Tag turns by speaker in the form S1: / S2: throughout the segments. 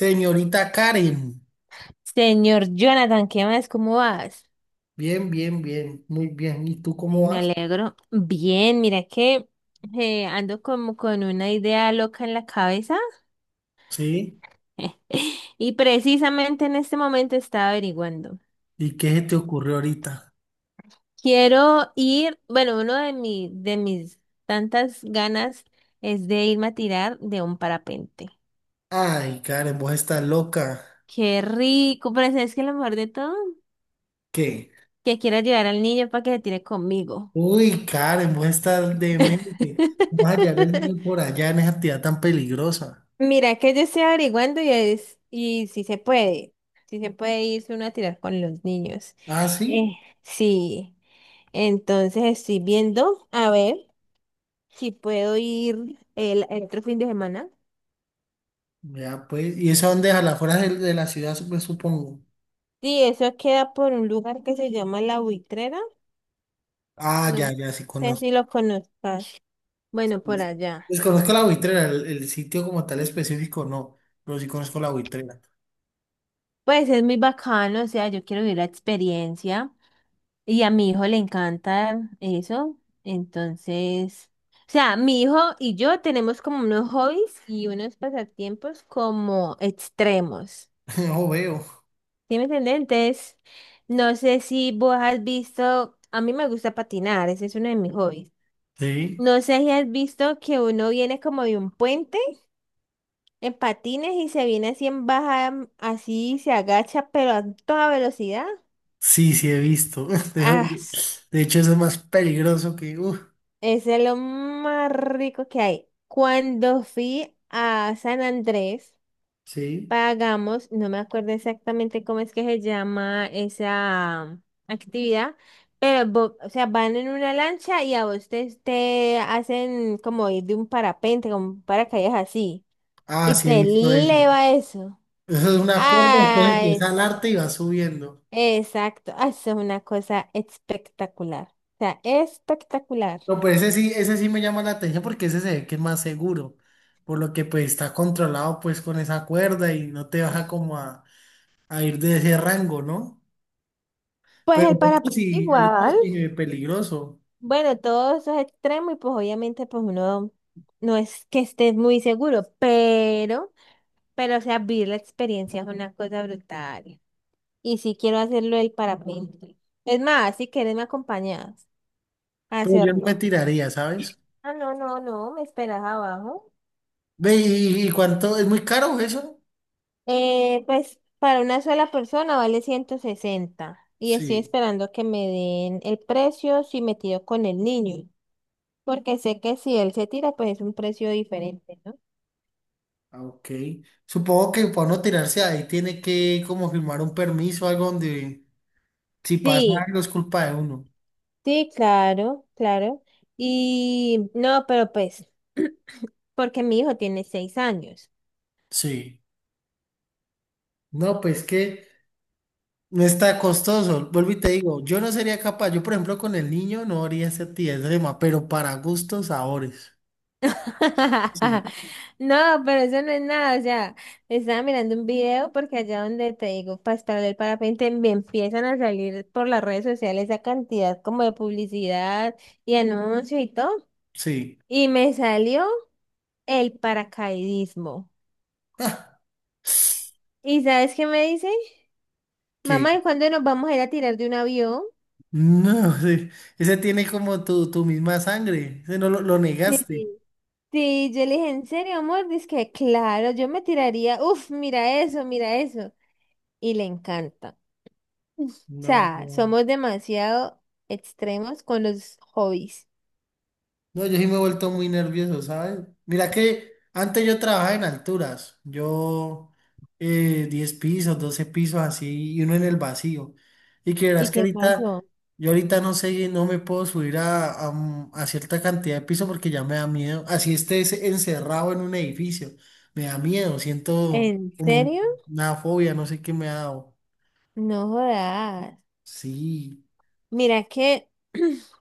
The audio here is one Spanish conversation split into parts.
S1: Señorita Karen,
S2: Señor Jonathan, ¿qué más? ¿Cómo vas?
S1: bien, bien, bien, muy bien. ¿Y tú
S2: Ay,
S1: cómo
S2: me
S1: vas?
S2: alegro. Bien, mira que ando como con una idea loca en la cabeza
S1: ¿Sí?
S2: y precisamente en este momento estaba averiguando.
S1: ¿Y qué se te ocurrió ahorita?
S2: Quiero ir, bueno, de mis tantas ganas es de irme a tirar de un parapente.
S1: Ay, Karen, vos estás loca.
S2: Qué rico, pero ¿sabes que lo mejor de todo?
S1: ¿Qué?
S2: Que quiero llevar al niño para que se tire conmigo.
S1: Uy, Karen, vos estás demente. Vas a hallar el niño por allá en esa actividad tan peligrosa.
S2: Mira que yo estoy averiguando y es, y si se puede, si se puede irse uno a tirar con los niños.
S1: Ah,
S2: Eh,
S1: sí.
S2: sí, entonces estoy viendo a ver si puedo ir el otro fin de semana.
S1: Ya, pues. ¿Y eso dónde es? A las afueras de la ciudad, supongo.
S2: Sí, eso queda por un lugar que se llama La Buitrera.
S1: Ah,
S2: No
S1: ya, ya, sí
S2: sé si
S1: conozco.
S2: lo conozcas. Bueno, por allá.
S1: Pues conozco la buitrera, el sitio como tal específico, no. Pero sí conozco la buitrera.
S2: Pues es muy bacano, o sea, yo quiero vivir la experiencia. Y a mi hijo le encanta eso. Entonces, o sea, mi hijo y yo tenemos como unos hobbies y unos pasatiempos como extremos.
S1: No veo.
S2: ¿Sí me entiendes? Entonces, no sé si vos has visto, a mí me gusta patinar, ese es uno de mis hobbies.
S1: ¿Sí?
S2: No sé si has visto que uno viene como de un puente en patines y se viene así en baja, así se agacha, pero a toda velocidad.
S1: Sí, sí, he visto.
S2: Ah.
S1: De de hecho, eso es más peligroso que uf,
S2: Ese es lo más rico que hay. Cuando fui a San Andrés,
S1: sí.
S2: pagamos, no me acuerdo exactamente cómo es que se llama esa actividad, pero, o sea, van en una lancha y te hacen como ir de un parapente, como un paracaídas así,
S1: Ah,
S2: y
S1: sí, he
S2: te
S1: visto eso.
S2: eleva eso.
S1: Eso es una cuerda, entonces
S2: Ah,
S1: empieza al
S2: es,
S1: arte y va subiendo.
S2: exacto, ah, eso es una cosa espectacular. O sea, espectacular.
S1: No, pues ese sí me llama la atención porque ese se ve que es más seguro. Por lo que pues está controlado pues con esa cuerda y no te baja como a ir de ese rango, ¿no?
S2: Pues
S1: Pero
S2: el parapente
S1: el otro
S2: igual.
S1: sí es peligroso.
S2: Bueno, todos esos extremos y pues obviamente pues uno no es que esté muy seguro, pero o sea, vivir la experiencia es una cosa brutal. Y sí quiero hacerlo el parapente. Es más, si quieres me acompañas a
S1: Pero yo no me
S2: hacerlo.
S1: tiraría, ¿sabes?
S2: Ah, no, no, no, me esperas abajo.
S1: Ve, ¿y cuánto? ¿Es muy caro eso?
S2: Pues para una sola persona vale 160 y estoy
S1: Sí.
S2: esperando que me den el precio si me tiro con el niño, porque sé que si él se tira pues es un precio diferente, ¿no?
S1: Ah, ok. Supongo que para no tirarse ahí tiene que como firmar un permiso, algo donde si pasa
S2: Sí,
S1: algo es culpa de uno.
S2: sí, claro, claro. Y no, pero pues, porque mi hijo tiene 6 años.
S1: Sí. No, pues que no está costoso. Vuelvo y te digo, yo no sería capaz. Yo, por ejemplo, con el niño no haría esa actividad extrema, pero para gustos, sabores. Sí.
S2: No, pero eso no es nada. O sea, estaba mirando un video porque allá donde te digo, para estar del parapente, me empiezan a salir por las redes sociales esa cantidad como de publicidad y anuncios y todo.
S1: Sí.
S2: Y me salió el paracaidismo.
S1: Ah,
S2: ¿Y sabes qué me dice?
S1: que
S2: Mamá, ¿y cuándo nos vamos a ir a tirar de un avión?
S1: no, ese tiene como tu misma sangre. Ese no lo, lo
S2: Sí.
S1: negaste.
S2: Sí, yo le dije, ¿en serio, amor? Dice que claro, yo me tiraría, uff, mira eso, mira eso. Y le encanta. O sea,
S1: No.
S2: somos demasiado extremos con los hobbies.
S1: No, yo sí me he vuelto muy nervioso, ¿sabes? Mira que antes yo trabajaba en alturas, yo 10 pisos, 12 pisos así, y uno en el vacío. Y que
S2: ¿Y
S1: verás que
S2: qué
S1: ahorita,
S2: pasó?
S1: yo ahorita no sé, no me puedo subir a cierta cantidad de pisos porque ya me da miedo. Así estés encerrado en un edificio, me da miedo, siento
S2: ¿En
S1: como
S2: serio?
S1: una fobia, no sé qué me ha dado.
S2: No jodas.
S1: Sí,
S2: Mira que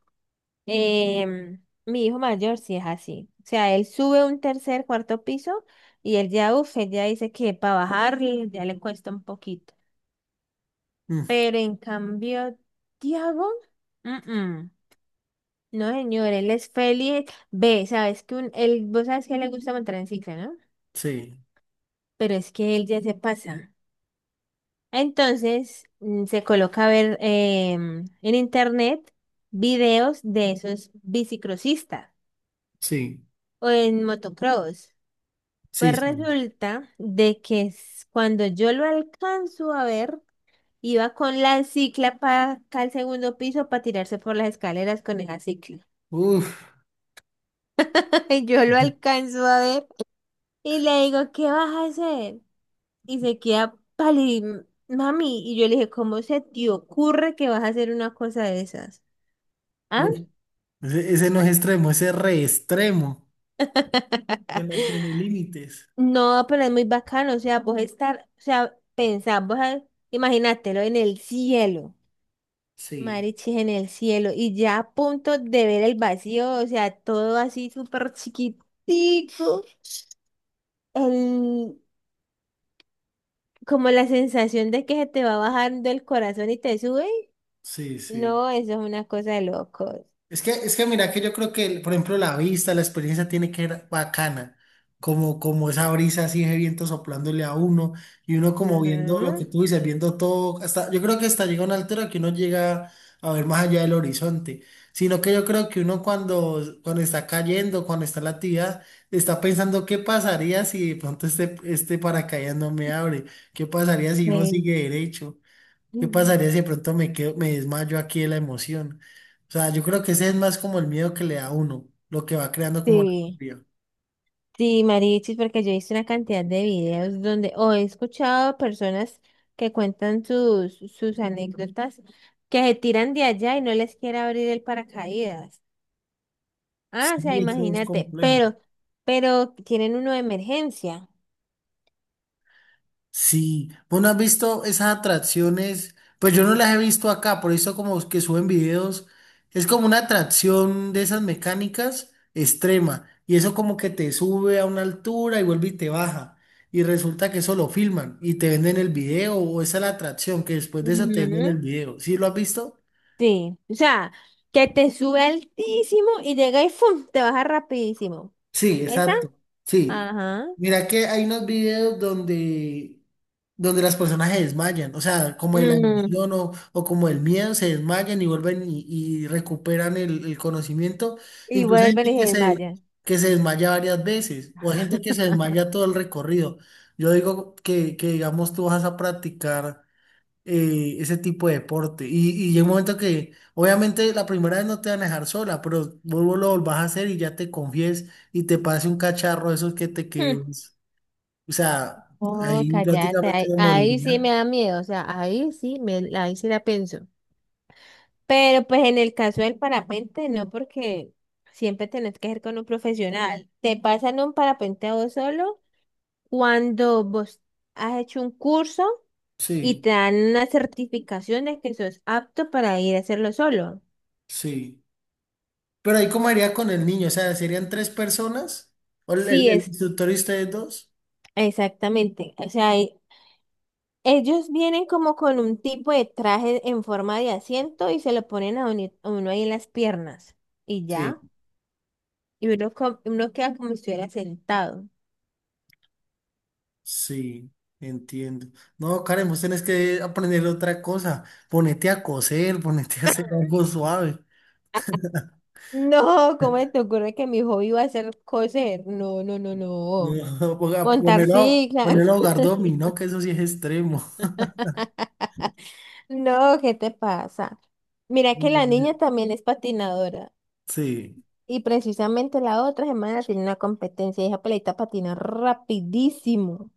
S2: mi hijo mayor sí es así. O sea, él sube un tercer, cuarto piso y él ya, uff, él ya dice que para bajarle ya le cuesta un poquito.
S1: mm,
S2: Pero en cambio, Tiago, mm, mm. No, señor, él es feliz. Ve, sabes que vos sabes que a él le gusta montar en cicla, ¿no?
S1: sí,
S2: Pero es que él ya se pasa. Entonces, se coloca a ver en internet videos de esos bicicrosistas
S1: sí,
S2: o en motocross. Pues
S1: sí, sí.
S2: resulta de que cuando yo lo alcanzo a ver, iba con la cicla para acá al segundo piso para tirarse por las escaleras con esa cicla.
S1: Uf.
S2: Yo lo alcanzo a ver y le digo, ¿qué vas a hacer? Y se queda pálido, mami. Y yo le dije, ¿cómo se te ocurre que vas a hacer una cosa de esas? ¿Ah?
S1: Ese no es extremo, ese es re extremo. Ese no tiene límites.
S2: No, pero es muy bacano, o sea, vos estar, o sea, pensar, imagínatelo en el cielo,
S1: Sí.
S2: marichis en el cielo, y ya a punto de ver el vacío, o sea, todo así súper chiquitico, el, como la sensación de que se te va bajando el corazón y te sube,
S1: Sí, sí.
S2: no, eso es una cosa de locos.
S1: Es que mira que yo creo que, por ejemplo, la vista, la experiencia tiene que ser bacana, como, como esa brisa así de viento soplándole a uno y uno como viendo lo
S2: Ajá.
S1: que tú dices, viendo todo, hasta, yo creo que hasta llega una altura que uno llega a ver más allá del horizonte, sino que yo creo que uno cuando, cuando está cayendo, cuando está en la actividad, está pensando qué pasaría si de pronto este, este paracaídas no me abre, qué pasaría si uno
S2: Eh,
S1: sigue derecho. ¿Qué pasaría si de pronto me quedo, me desmayo aquí de la emoción? O sea, yo creo que ese es más como el miedo que le da a uno, lo que va creando como la
S2: sí,
S1: fobia.
S2: sí, Marichis, porque yo he visto una cantidad de videos donde o he escuchado personas que cuentan sus, sus anécdotas que se tiran de allá y no les quiere abrir el paracaídas. Ah, o
S1: Sí,
S2: sea,
S1: eso es
S2: imagínate,
S1: complejo.
S2: pero tienen uno de emergencia.
S1: Sí, ¿vos no has visto esas atracciones? Pues yo no las he visto acá, por eso como que suben videos. Es como una atracción de esas mecánicas extrema. Y eso como que te sube a una altura y vuelve y te baja. Y resulta que eso lo filman y te venden el video o esa es la atracción que después de eso te venden
S2: Ujú.
S1: el video. ¿Sí lo has visto?
S2: Sí, o sea, que te sube altísimo y llega y ¡fum! Te baja rapidísimo.
S1: Sí,
S2: ¿Esa?
S1: exacto. Sí.
S2: Ajá.
S1: Mira que hay unos videos donde, donde las personas se desmayan, o sea, como de la
S2: Mm.
S1: emoción o como del miedo, se desmayan y vuelven y recuperan el conocimiento.
S2: Y
S1: Incluso hay
S2: vuelven
S1: gente
S2: y se desmayan.
S1: que se desmaya varias veces o hay gente que se desmaya todo el recorrido. Yo digo que digamos, tú vas a practicar ese tipo de deporte. Y llega un momento que, obviamente, la primera vez no te van a dejar sola, pero vuelvo lo volvás a hacer y ya te confíes y te pase un cacharro de esos que te quedes. O sea,
S2: Oh,
S1: ahí
S2: cállate,
S1: prácticamente
S2: ahí,
S1: no
S2: ahí sí me
S1: moriría.
S2: da miedo, o sea, ahí sí la pienso. Pero pues en el caso del parapente, no, porque siempre tenés que ir con un profesional. Te pasan un parapente a vos solo cuando vos has hecho un curso y
S1: Sí,
S2: te dan una certificación de que sos apto para ir a hacerlo solo.
S1: sí. Pero ahí cómo haría con el niño, o sea, serían tres personas, o el,
S2: Sí,
S1: el
S2: es
S1: instructor y ustedes dos.
S2: exactamente. O sea, ellos vienen como con un tipo de traje en forma de asiento y se lo ponen a uno ahí en las piernas. Y
S1: Sí,
S2: ya. Y uno queda como si estuviera sentado.
S1: sí, entiendo. No, Karen, vos tenés que aprender otra cosa. Ponete a coser, ponete a hacer algo suave.
S2: No, ¿cómo te ocurre que mi hobby va a ser coser? No, no, no,
S1: No,
S2: no. Montar
S1: ponelo, ponelo
S2: ciclas.
S1: a jugar dominó, que eso sí es extremo.
S2: No, ¿qué te pasa? Mira que
S1: No,
S2: la niña también es patinadora.
S1: Sí,
S2: Y precisamente la otra semana tiene una competencia y esa pelita patina rapidísimo.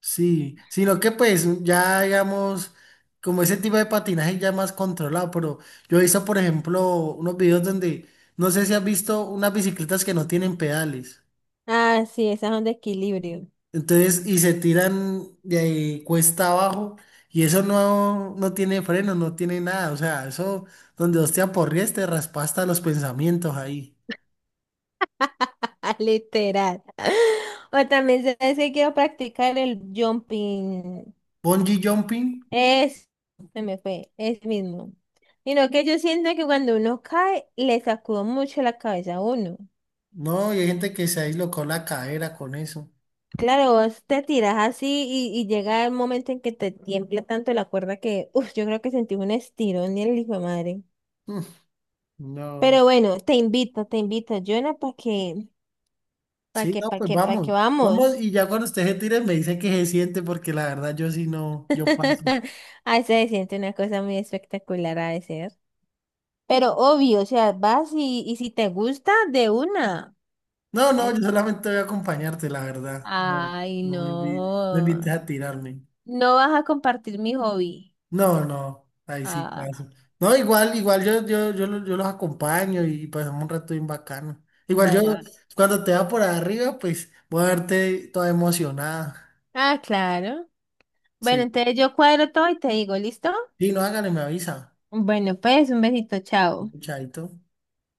S1: sí, sino que pues ya digamos, como ese tipo de patinaje ya más controlado, pero yo he visto, por ejemplo, unos videos donde, no sé si has visto unas bicicletas que no tienen pedales,
S2: Ah, sí, esas son de equilibrio.
S1: entonces, y se tiran de ahí cuesta abajo, y eso no, no tiene freno, no tiene nada, o sea, eso donde hostia te aporrees, te raspa hasta los pensamientos ahí.
S2: Literal. O también sabes que quiero practicar el jumping.
S1: Bungee jumping.
S2: Es, se me fue, es mismo. Sino que yo siento que cuando uno cae, le sacudo mucho la cabeza a uno.
S1: No, y hay gente que se dislocó la cadera con eso.
S2: Claro, vos te tiras así y llega el momento en que te tiembla tanto la cuerda que, uff, yo creo que sentí un estirón y el hijo de madre.
S1: Mm, no.
S2: Pero bueno, te invito, Jonah,
S1: Sí, no, pues
S2: para que
S1: vamos.
S2: vamos.
S1: Vamos, y ya cuando usted se tire me dice que se siente, porque la verdad yo sí no, yo paso.
S2: Ahí se siente una cosa muy espectacular a veces. Pero obvio, o sea, y si te gusta, de una.
S1: No, no,
S2: Es-
S1: yo solamente voy a acompañarte, la verdad. No,
S2: Ay,
S1: no invites
S2: no.
S1: a tirarme.
S2: No vas a compartir mi hobby.
S1: No, no, ahí sí
S2: Ah,
S1: paso. No, igual, igual yo, yo los acompaño y pasamos un rato bien bacano. Igual yo,
S2: bueno.
S1: cuando te va por arriba, pues voy a verte toda emocionada.
S2: Ah, claro. Bueno,
S1: Sí.
S2: entonces yo cuadro todo y te digo, ¿listo?
S1: Sí, no, hágale, me avisa.
S2: Bueno, pues un besito, chao.
S1: Chaito.